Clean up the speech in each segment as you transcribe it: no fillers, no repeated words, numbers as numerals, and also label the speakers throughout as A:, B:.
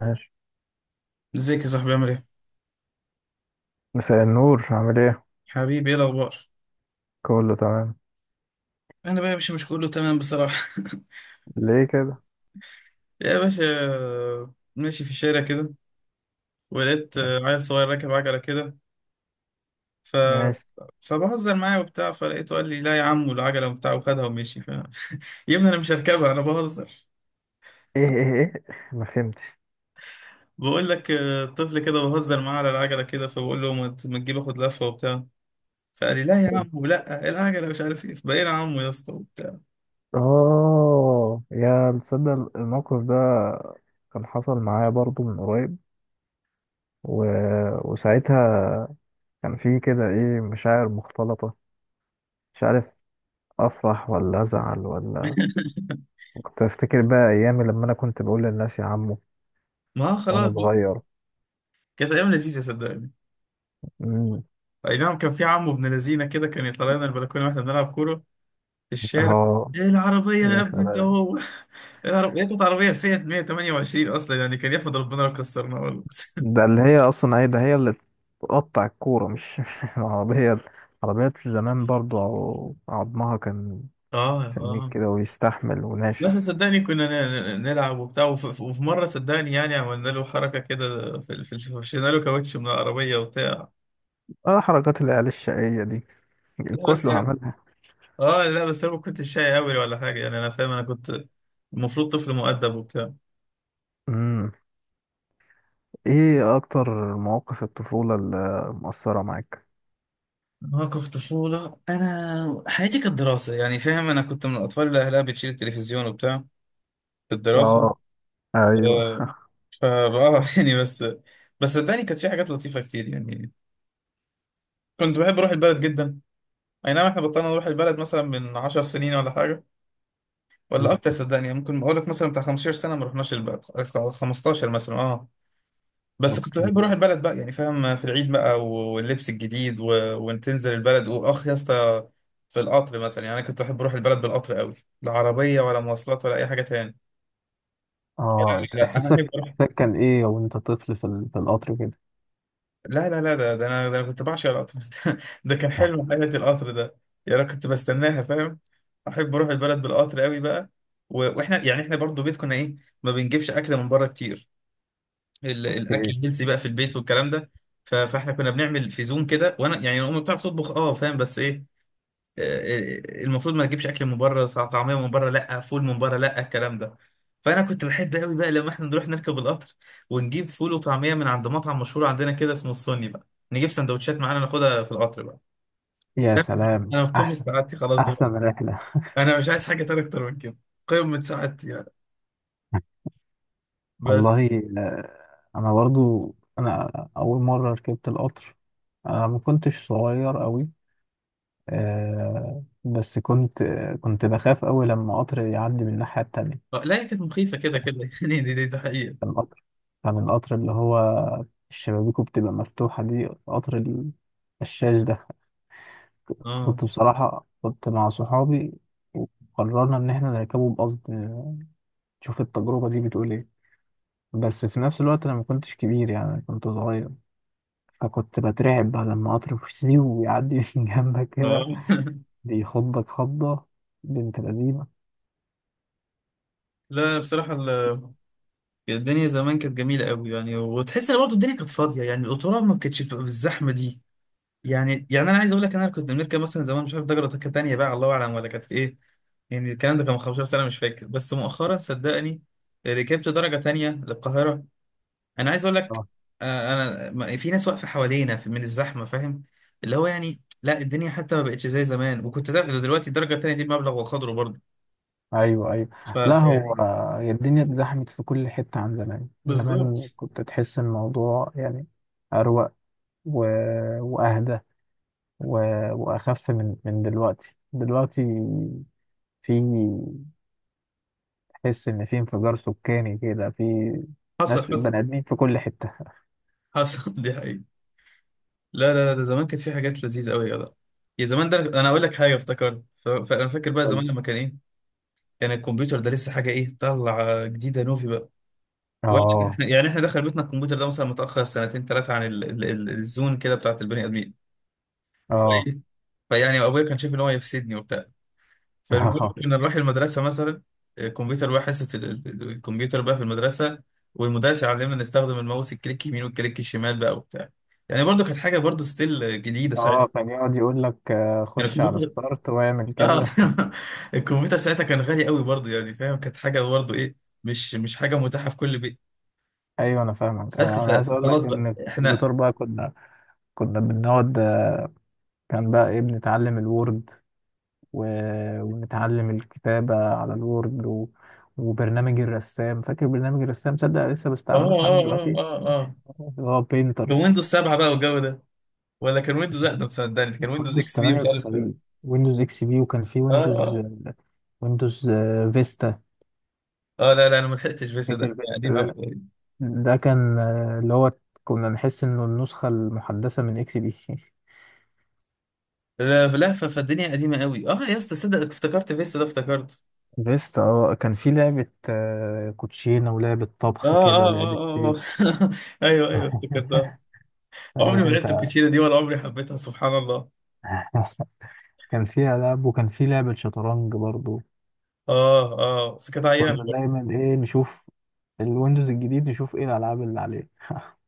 A: ماشي.
B: ازيك يا صاحبي، عامل ايه؟
A: مساء النور، عامل ايه؟
B: حبيبي، ايه الأخبار؟
A: كله تمام.
B: أنا بقى يا باشا مش كله تمام بصراحة.
A: ليه كده؟
B: يا باشا، ماشي في الشارع كده ولقيت عيل صغير راكب عجلة كده. ف
A: ماشي.
B: فبهزر معاه وبتاع، فلقيته قال لي لا يا عم، والعجلة وبتاع، وخدها ومشي يا ابني، أنا مش هركبها، أنا بهزر.
A: ايه ايه ايه؟ ما فهمتش.
B: بقول لك طفل كده بهزر معاه على العجلة كده، فبقول له ما تجيب آخد لفة وبتاع. فقال لي لا يا عم، ولا العجلة، مش عارف ايه، بقينا عمو يا اسطى.
A: اه، يا تصدق الموقف ده كان حصل معايا برضو من قريب، و... وساعتها كان في كده ايه مشاعر مختلطة. مش عارف افرح ولا ازعل ولا. كنت افتكر بقى ايامي لما انا كنت بقول للناس يا عمو
B: ما خلاص
A: وانا صغير.
B: كانت ايام لذيذه صدقني.
A: مم.
B: اي نعم، كان في عمو ابن لذينه كده، كان يطلع لنا البلكونه واحنا بنلعب كوره في الشارع.
A: اه،
B: ايه العربيه يا
A: يا
B: ابني انت؟
A: سلام.
B: هو العربيه كانت عربيه فيات 128 اصلا، يعني كان يحمد ربنا لو كسرنا والله.
A: ده اللي هي اصلا ايه، ده هي اللي تقطع الكوره مش العربيه. عربيات زمان برضو عظمها كان
B: اه
A: سميك
B: اه،
A: كده ويستحمل
B: واحنا
A: وناشف.
B: صدقني كنا نلعب وبتاع، وفي مره صدقني يعني عملنا له حركه كده، فرشنا له كاوتش من العربيه وبتاع.
A: اه، حركات العيال الشقيه دي
B: لا بس
A: كله
B: يعني،
A: عملها.
B: اه لا بس انا ما كنتش شاي قوي ولا حاجه، يعني انا فاهم، انا كنت المفروض طفل مؤدب وبتاع.
A: امم ايه اكتر مواقف الطفوله اللي مؤثره معاك؟
B: مواقف طفوله، انا حياتي كانت دراسه، يعني فاهم، انا كنت من الاطفال اللي اهلها بتشيل التلفزيون وبتاع في الدراسه.
A: اه، ايوه.
B: فبقى يعني بس صدقني كانت في حاجات لطيفه كتير يعني. كنت بحب اروح البلد جدا. اي نعم، احنا بطلنا نروح البلد مثلا من 10 سنين ولا حاجه، ولا اكتر
A: مم.
B: صدقني. يعني ممكن اقول لك مثلا بتاع 15 سنه ما رحناش البلد. 15 مثلا، اه. بس كنت
A: اوكي.
B: بحب اروح البلد بقى، يعني فاهم، في العيد بقى واللبس الجديد وان تنزل البلد، واخ يا اسطى! في القطر مثلا، يعني انا كنت بحب اروح البلد بالقطر قوي، لا عربيه ولا مواصلات ولا اي حاجه تاني.
A: اه،
B: لا انا
A: احساسك
B: احب اروح.
A: احساسك كان ايه وانت طفل في القطر كده؟
B: لا لا لا، ده انا كنت بعشق القطر. ده كان حلم حياتي القطر ده، يعني انا كنت بستناها، فاهم، احب اروح البلد بالقطر قوي بقى. واحنا يعني احنا برضو بيت كنا ايه، ما بنجيبش اكل من بره كتير. الاكل
A: إيه؟
B: الهيلثي بقى في البيت والكلام ده. فاحنا كنا بنعمل في زوم كده، وانا يعني امي بتعرف تطبخ، فاهم، بس ايه، آه، المفروض ما نجيبش اكل من بره، طعميه من بره لا، فول من بره لا، الكلام ده. فانا كنت بحب قوي بقى لما احنا نروح نركب القطر، ونجيب فول وطعميه من عند مطعم مشهور عندنا كده اسمه السني بقى، نجيب سندوتشات معانا ناخدها في القطر بقى.
A: يا
B: فاهم؟
A: سلام،
B: انا في قمه
A: احسن،
B: سعادتي خلاص
A: احسن
B: دلوقتي،
A: رحله.
B: انا مش عايز حاجه تانية اكتر من كده، قمه سعادتي يعني. بس.
A: والله. آه، انا برضو انا اول مره ركبت القطر. انا ما كنتش صغير قوي. بس كنت بخاف قوي لما قطر يعدي من الناحيه التانية.
B: لا هي كانت مخيفه كده كده. يعني دي حقيقه.
A: كان القطر كان القطر اللي هو شبابيكه بتبقى مفتوحه، دي قطر الشاش ده.
B: اه
A: كنت بصراحه كنت مع صحابي، وقررنا ان احنا نركبه بقصد نشوف التجربه دي بتقول ايه. بس في نفس الوقت انا ما كنتش كبير، يعني كنت صغير. فكنت بترعب بقى لما قطر فسيو ويعدي من جنبك كده،
B: اه،
A: بيخضك خضة. بنت لذينة.
B: لا بصراحة، الدنيا زمان كانت جميلة قوي، يعني وتحس ان برضه الدنيا كانت فاضية، يعني القطورة ما كانتش بتبقى بالزحمة دي. يعني انا عايز اقول لك، انا كنت بنركب مثلا زمان مش عارف درجة كانت تانية بقى، الله اعلم ولا كانت ايه. يعني الكلام ده كان من 15 سنة مش فاكر، بس مؤخرا صدقني ركبت درجة تانية للقاهرة. انا عايز اقول لك،
A: آه.
B: انا في ناس واقفة حوالينا من الزحمة، فاهم، اللي هو يعني لا الدنيا حتى ما بقتش زي زمان، وكنت ده دلوقتي الدرجة التانية دي بمبلغ وقدره برضه.
A: ايوه ايوه. لا، هو
B: فيعني.
A: هي الدنيا اتزحمت في كل حته عن زمان. زمان
B: بالظبط.
A: كنت تحس الموضوع يعني اروق و... واهدى و... واخف من دلوقتي. في تحس ان في انفجار سكاني كده، في
B: حصل
A: ناس
B: حصل
A: بني ادمين في كل حته.
B: حصل. دي حقيقة. لا لا لا، ده زمان كانت في حاجات لذيذة قوي يا جدع. يا زمان، ده انا اقول لك حاجة افتكرت، فانا فاكر بقى زمان لما كان ايه، كان الكمبيوتر ده لسه حاجة ايه، طلع جديدة نوفي بقى. وانا
A: اه
B: يعني احنا دخل بيتنا الكمبيوتر ده مثلا متأخر سنتين ثلاثة عن الزون كده بتاعت البني آدمين.
A: اه.
B: فايه، فيعني ابويا كان شايف ان هو يفسدني وبتاع. فالمهم،
A: اه
B: كنا نروح المدرسة مثلا، الكمبيوتر بقى حصة الكمبيوتر بقى في المدرسة، والمدرس يعلمنا نستخدم الماوس، الكليك يمين والكليك الشمال بقى وبتاع، يعني برضو كانت حاجة برضو ستيل جديدة
A: اه،
B: ساعتها.
A: كان يقعد يقول لك
B: يعني
A: خش على
B: الكمبيوتر،
A: ستارت واعمل
B: اه
A: كذا.
B: الكمبيوتر ساعتها كان غالي قوي برضه، يعني فاهم، كانت حاجه برضه ايه، مش حاجه متاحه في كل بيت.
A: ايوه، انا فاهمك.
B: بس
A: انا أنا عايز اقول لك
B: فخلاص بقى
A: ان
B: احنا.
A: الدكتور بقى، كنا بنقعد. كان بقى ايه، بنتعلم الوورد و... ونتعلم الكتابة على الوورد وبرنامج الرسام. فاكر برنامج الرسام؟ تصدق لسه
B: اه
A: بستعمله لحد
B: اه
A: دلوقتي،
B: اه اه اه،
A: اللي هو بينتر.
B: كان ويندوز 7 بقى والجو ده، ولا كان ويندوز اقدم صدقني، ده كان ويندوز
A: ويندوز
B: اكس بي، مش عارف، اه.
A: 98، ويندوز اكس بي، وكان في ويندوز،
B: اه
A: ويندوز فيستا.
B: اه، لا لا، انا ما لحقتش فيستا، ده
A: فاكر
B: كان قديم قوي
A: فيستا؟
B: تقريبا.
A: ده كان اللي هو كنا نحس انه النسخة المحدثة من اكس بي.
B: لا لا، فالدنيا قديمه قوي اه يا اسطى، صدق افتكرت فيستا ده، افتكرت.
A: بيست. اه، كان في لعبة كوتشينة ولعبة
B: اه
A: طبخ كده،
B: اه
A: لعبة
B: اه اه
A: بيك.
B: آه. ايوه ايوه، افتكرتها. عمري
A: عارف
B: ما لعبت
A: انت.
B: الكوتشينه دي، ولا عمري حبيتها، سبحان الله.
A: كان فيها لعب، وكان في لعبة شطرنج برضو.
B: اه اه، بس كانت عيان.
A: كنا دايما ايه، نشوف الويندوز الجديد نشوف ايه الالعاب اللي عليه.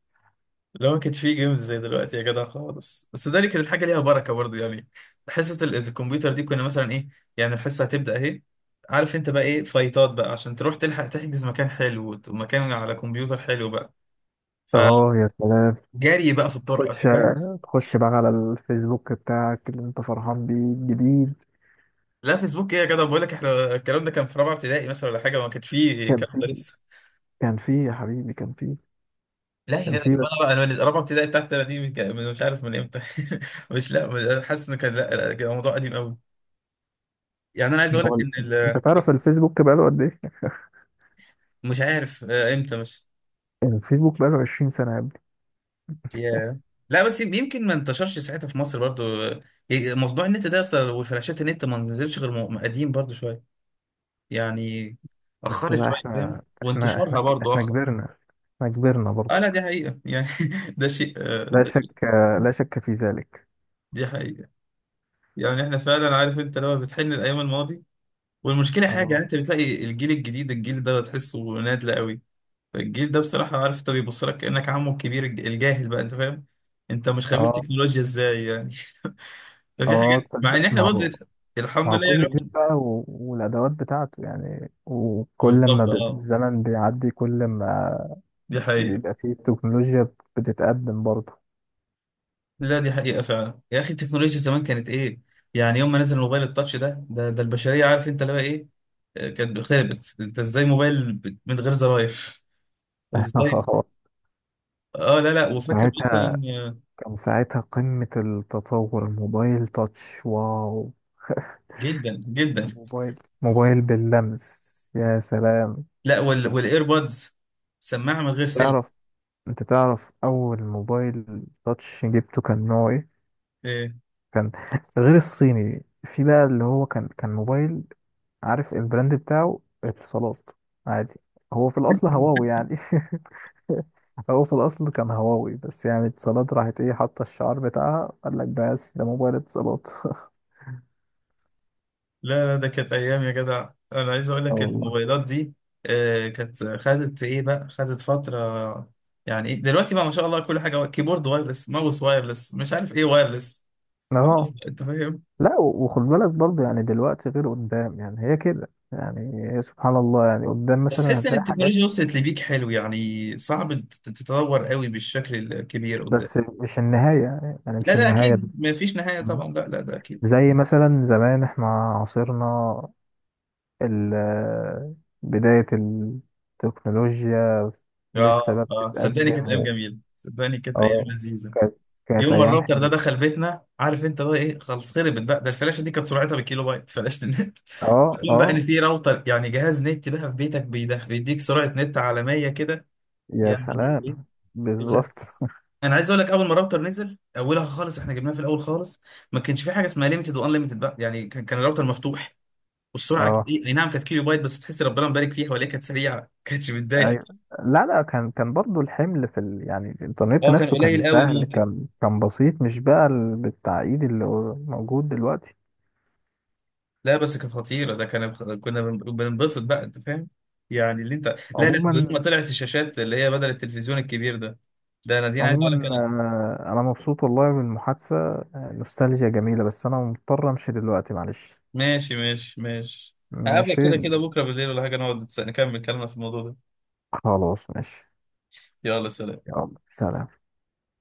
B: لو ما كانش فيه جيمز زي دلوقتي يا جدع خالص، بس ده اللي كانت الحاجه ليها بركه برضو يعني. حصه الكمبيوتر دي كنا مثلا ايه، يعني الحصه هتبدا اهي، عارف انت بقى ايه، فايتات بقى عشان تروح تلحق تحجز مكان حلو، ومكان على كمبيوتر حلو بقى،
A: اه، يا سلام.
B: فجري بقى في الطرقه،
A: تخش
B: انت فاهم.
A: تخش بقى على الفيسبوك بتاعك اللي انت فرحان بيه الجديد.
B: لا فيسبوك ايه يا جدع، بقول لك احنا الكلام ده كان في رابعه ابتدائي مثلا ولا حاجه، ما كانش فيه
A: كان
B: الكلام ده
A: في
B: لسه.
A: كان في يا حبيبي، كان في
B: لا يا
A: كان
B: جدع،
A: في
B: طب انا بقى انا من رابعه ابتدائي بتاعتي انا دي مش عارف من امتى. مش لا حاسس ان كان، لا لا، الموضوع قديم قوي. يعني انا عايز اقول لك
A: هو ال-
B: ان
A: انت تعرف الفيسبوك بقاله قد ايه؟
B: مش عارف امتى بس.
A: يعني الفيسبوك بقاله 20 سنة يا ابني.
B: ياه! لا بس يمكن ما انتشرش ساعتها في مصر برضو. موضوع النت ده اصلا والفلاشات، النت ما نزلش غير قديم برضو شويه، يعني
A: بس
B: اخرت
A: لا،
B: شويه فاهم،
A: احنا احنا احنا
B: وانتشارها برضو
A: احنا
B: اخر.
A: كبرنا. احنا كبرنا
B: اه،
A: برضه.
B: لا دي حقيقه يعني. ده شيء،
A: لا
B: ده شيء،
A: شك، لا شك في ذلك.
B: دي حقيقه. يعني احنا فعلا، عارف انت، لما بتحن الايام الماضي، والمشكله حاجه، يعني
A: اه
B: انت بتلاقي الجيل الجديد، الجيل ده تحسه نادل قوي. فالجيل ده بصراحة عارف انت، بيبص لك كأنك عمه الكبير الجاهل بقى، انت فاهم، انت مش خبير
A: اه
B: تكنولوجيا ازاي يعني. ففي
A: اه،
B: حاجات، مع ان
A: تصدق؟
B: احنا
A: ما
B: برضه
A: هو ما
B: الحمد
A: هو
B: لله يعني
A: كل جيل
B: الواحد.
A: بقى والادوات بتاعته يعني. وكل ما
B: بالظبط اه،
A: الزمن بيعدي، كل ما
B: دي حقيقة.
A: بيبقى فيه تكنولوجيا بتتقدم برضه.
B: لا دي حقيقة فعلا يا اخي، التكنولوجيا زمان كانت ايه، يعني يوم ما نزل الموبايل التاتش ده البشرية، عارف انت اللي هو ايه، كانت خربت، انت ازاي موبايل من غير زراير؟ ازاي؟ اه لا لا، وفاكر مثلا،
A: ساعتها. كان ساعتها قمة التطور الموبايل تاتش، واو.
B: جدا جدا.
A: موبايل موبايل باللمس، يا سلام.
B: لا والايربودز، سماعة من غير سلك.
A: تعرف، انت تعرف اول موبايل تاتش جبته كان نوع ايه؟
B: إيه؟
A: كان غير الصيني في بقى اللي هو كان موبايل. عارف البراند بتاعه؟ اتصالات عادي. هو في الاصل هواوي يعني. هو في الاصل كان هواوي، بس يعني اتصالات راحت ايه حاطه الشعار بتاعها، قال لك بس ده موبايل اتصالات.
B: لا لا، ده كانت ايام يا جدع، انا عايز اقول
A: اه
B: لك
A: والله.
B: الموبايلات دي كانت خدت ايه بقى، خدت فتره. يعني إيه؟ دلوقتي بقى ما شاء الله، كل حاجه كيبورد وايرلس، ماوس وايرلس، مش عارف ايه وايرلس، خلاص
A: اه
B: بقى، انت فاهم.
A: لا، وخد بالك برضه يعني، دلوقتي غير قدام، يعني هي كده، يعني هي سبحان الله، يعني قدام
B: بس
A: مثلا
B: تحس ان
A: هتلاقي حاجات.
B: التكنولوجيا وصلت لبيك حلو، يعني صعب تتطور قوي بالشكل الكبير قدام.
A: بس مش النهاية، يعني
B: لا
A: مش
B: لا
A: النهاية
B: اكيد، ما فيش نهايه طبعا، لا لا ده اكيد.
A: زي مثلا زمان احنا عاصرنا ال- بداية التكنولوجيا، لسه
B: اه
A: بقى
B: اه، صدقني كانت
A: بتتقدم
B: ايام جميله، صدقني كانت ايام
A: اه.
B: لذيذه.
A: كانت كانت
B: يوم ما
A: أيام
B: الراوتر ده
A: حلوة.
B: دخل بيتنا، عارف انت بقى ايه، خلص، خربت بقى، ده الفلاشه دي كانت سرعتها بالكيلو بايت فلاشه النت.
A: اه
B: يكون بقى ان
A: اه،
B: في راوتر، يعني جهاز نت بقى في بيتك، بيديك سرعه نت عالميه كده،
A: يا
B: يعني ايه!
A: سلام.
B: غ-
A: بالظبط.
B: انا عايز اقول لك، اول ما الراوتر نزل اولها خالص احنا جبناها في الاول خالص، ما كانش في حاجه اسمها ليميتد وان ليميتد بقى، يعني كان الراوتر مفتوح، والسرعه كانت
A: اه،
B: ايه، اي نعم كانت كيلو بايت، بس تحس ربنا مبارك فيها، ولا هي كانت سريعه، ما كانتش
A: أيوة.
B: بتضايقك.
A: لا لا، كان برضو الحمل في يعني الإنترنت
B: اه كان
A: نفسه كان
B: قليل قوي
A: سهل،
B: ممكن.
A: كان بسيط، مش بقى بالتعقيد اللي هو موجود دلوقتي.
B: لا بس كانت خطيرة، ده كان، كنا بننبسط بقى، انت فاهم، يعني اللي انت. لا لا، ويوم ما
A: عموما.
B: طلعت الشاشات اللي هي بدل التلفزيون الكبير ده، ده انا دي انا عايز اقول لك
A: عموما
B: انا.
A: أنا مبسوط والله بالمحادثة. نوستالجيا جميلة، بس أنا مضطر أمشي دلوقتي، معلش.
B: ماشي ماشي ماشي. هقابلك
A: ماشي.
B: كده كده بكرة بالليل ولا حاجة، نقعد نكمل كلامنا في الموضوع ده.
A: خلاص، ماشي.
B: يلا سلام.
A: يلا سلام.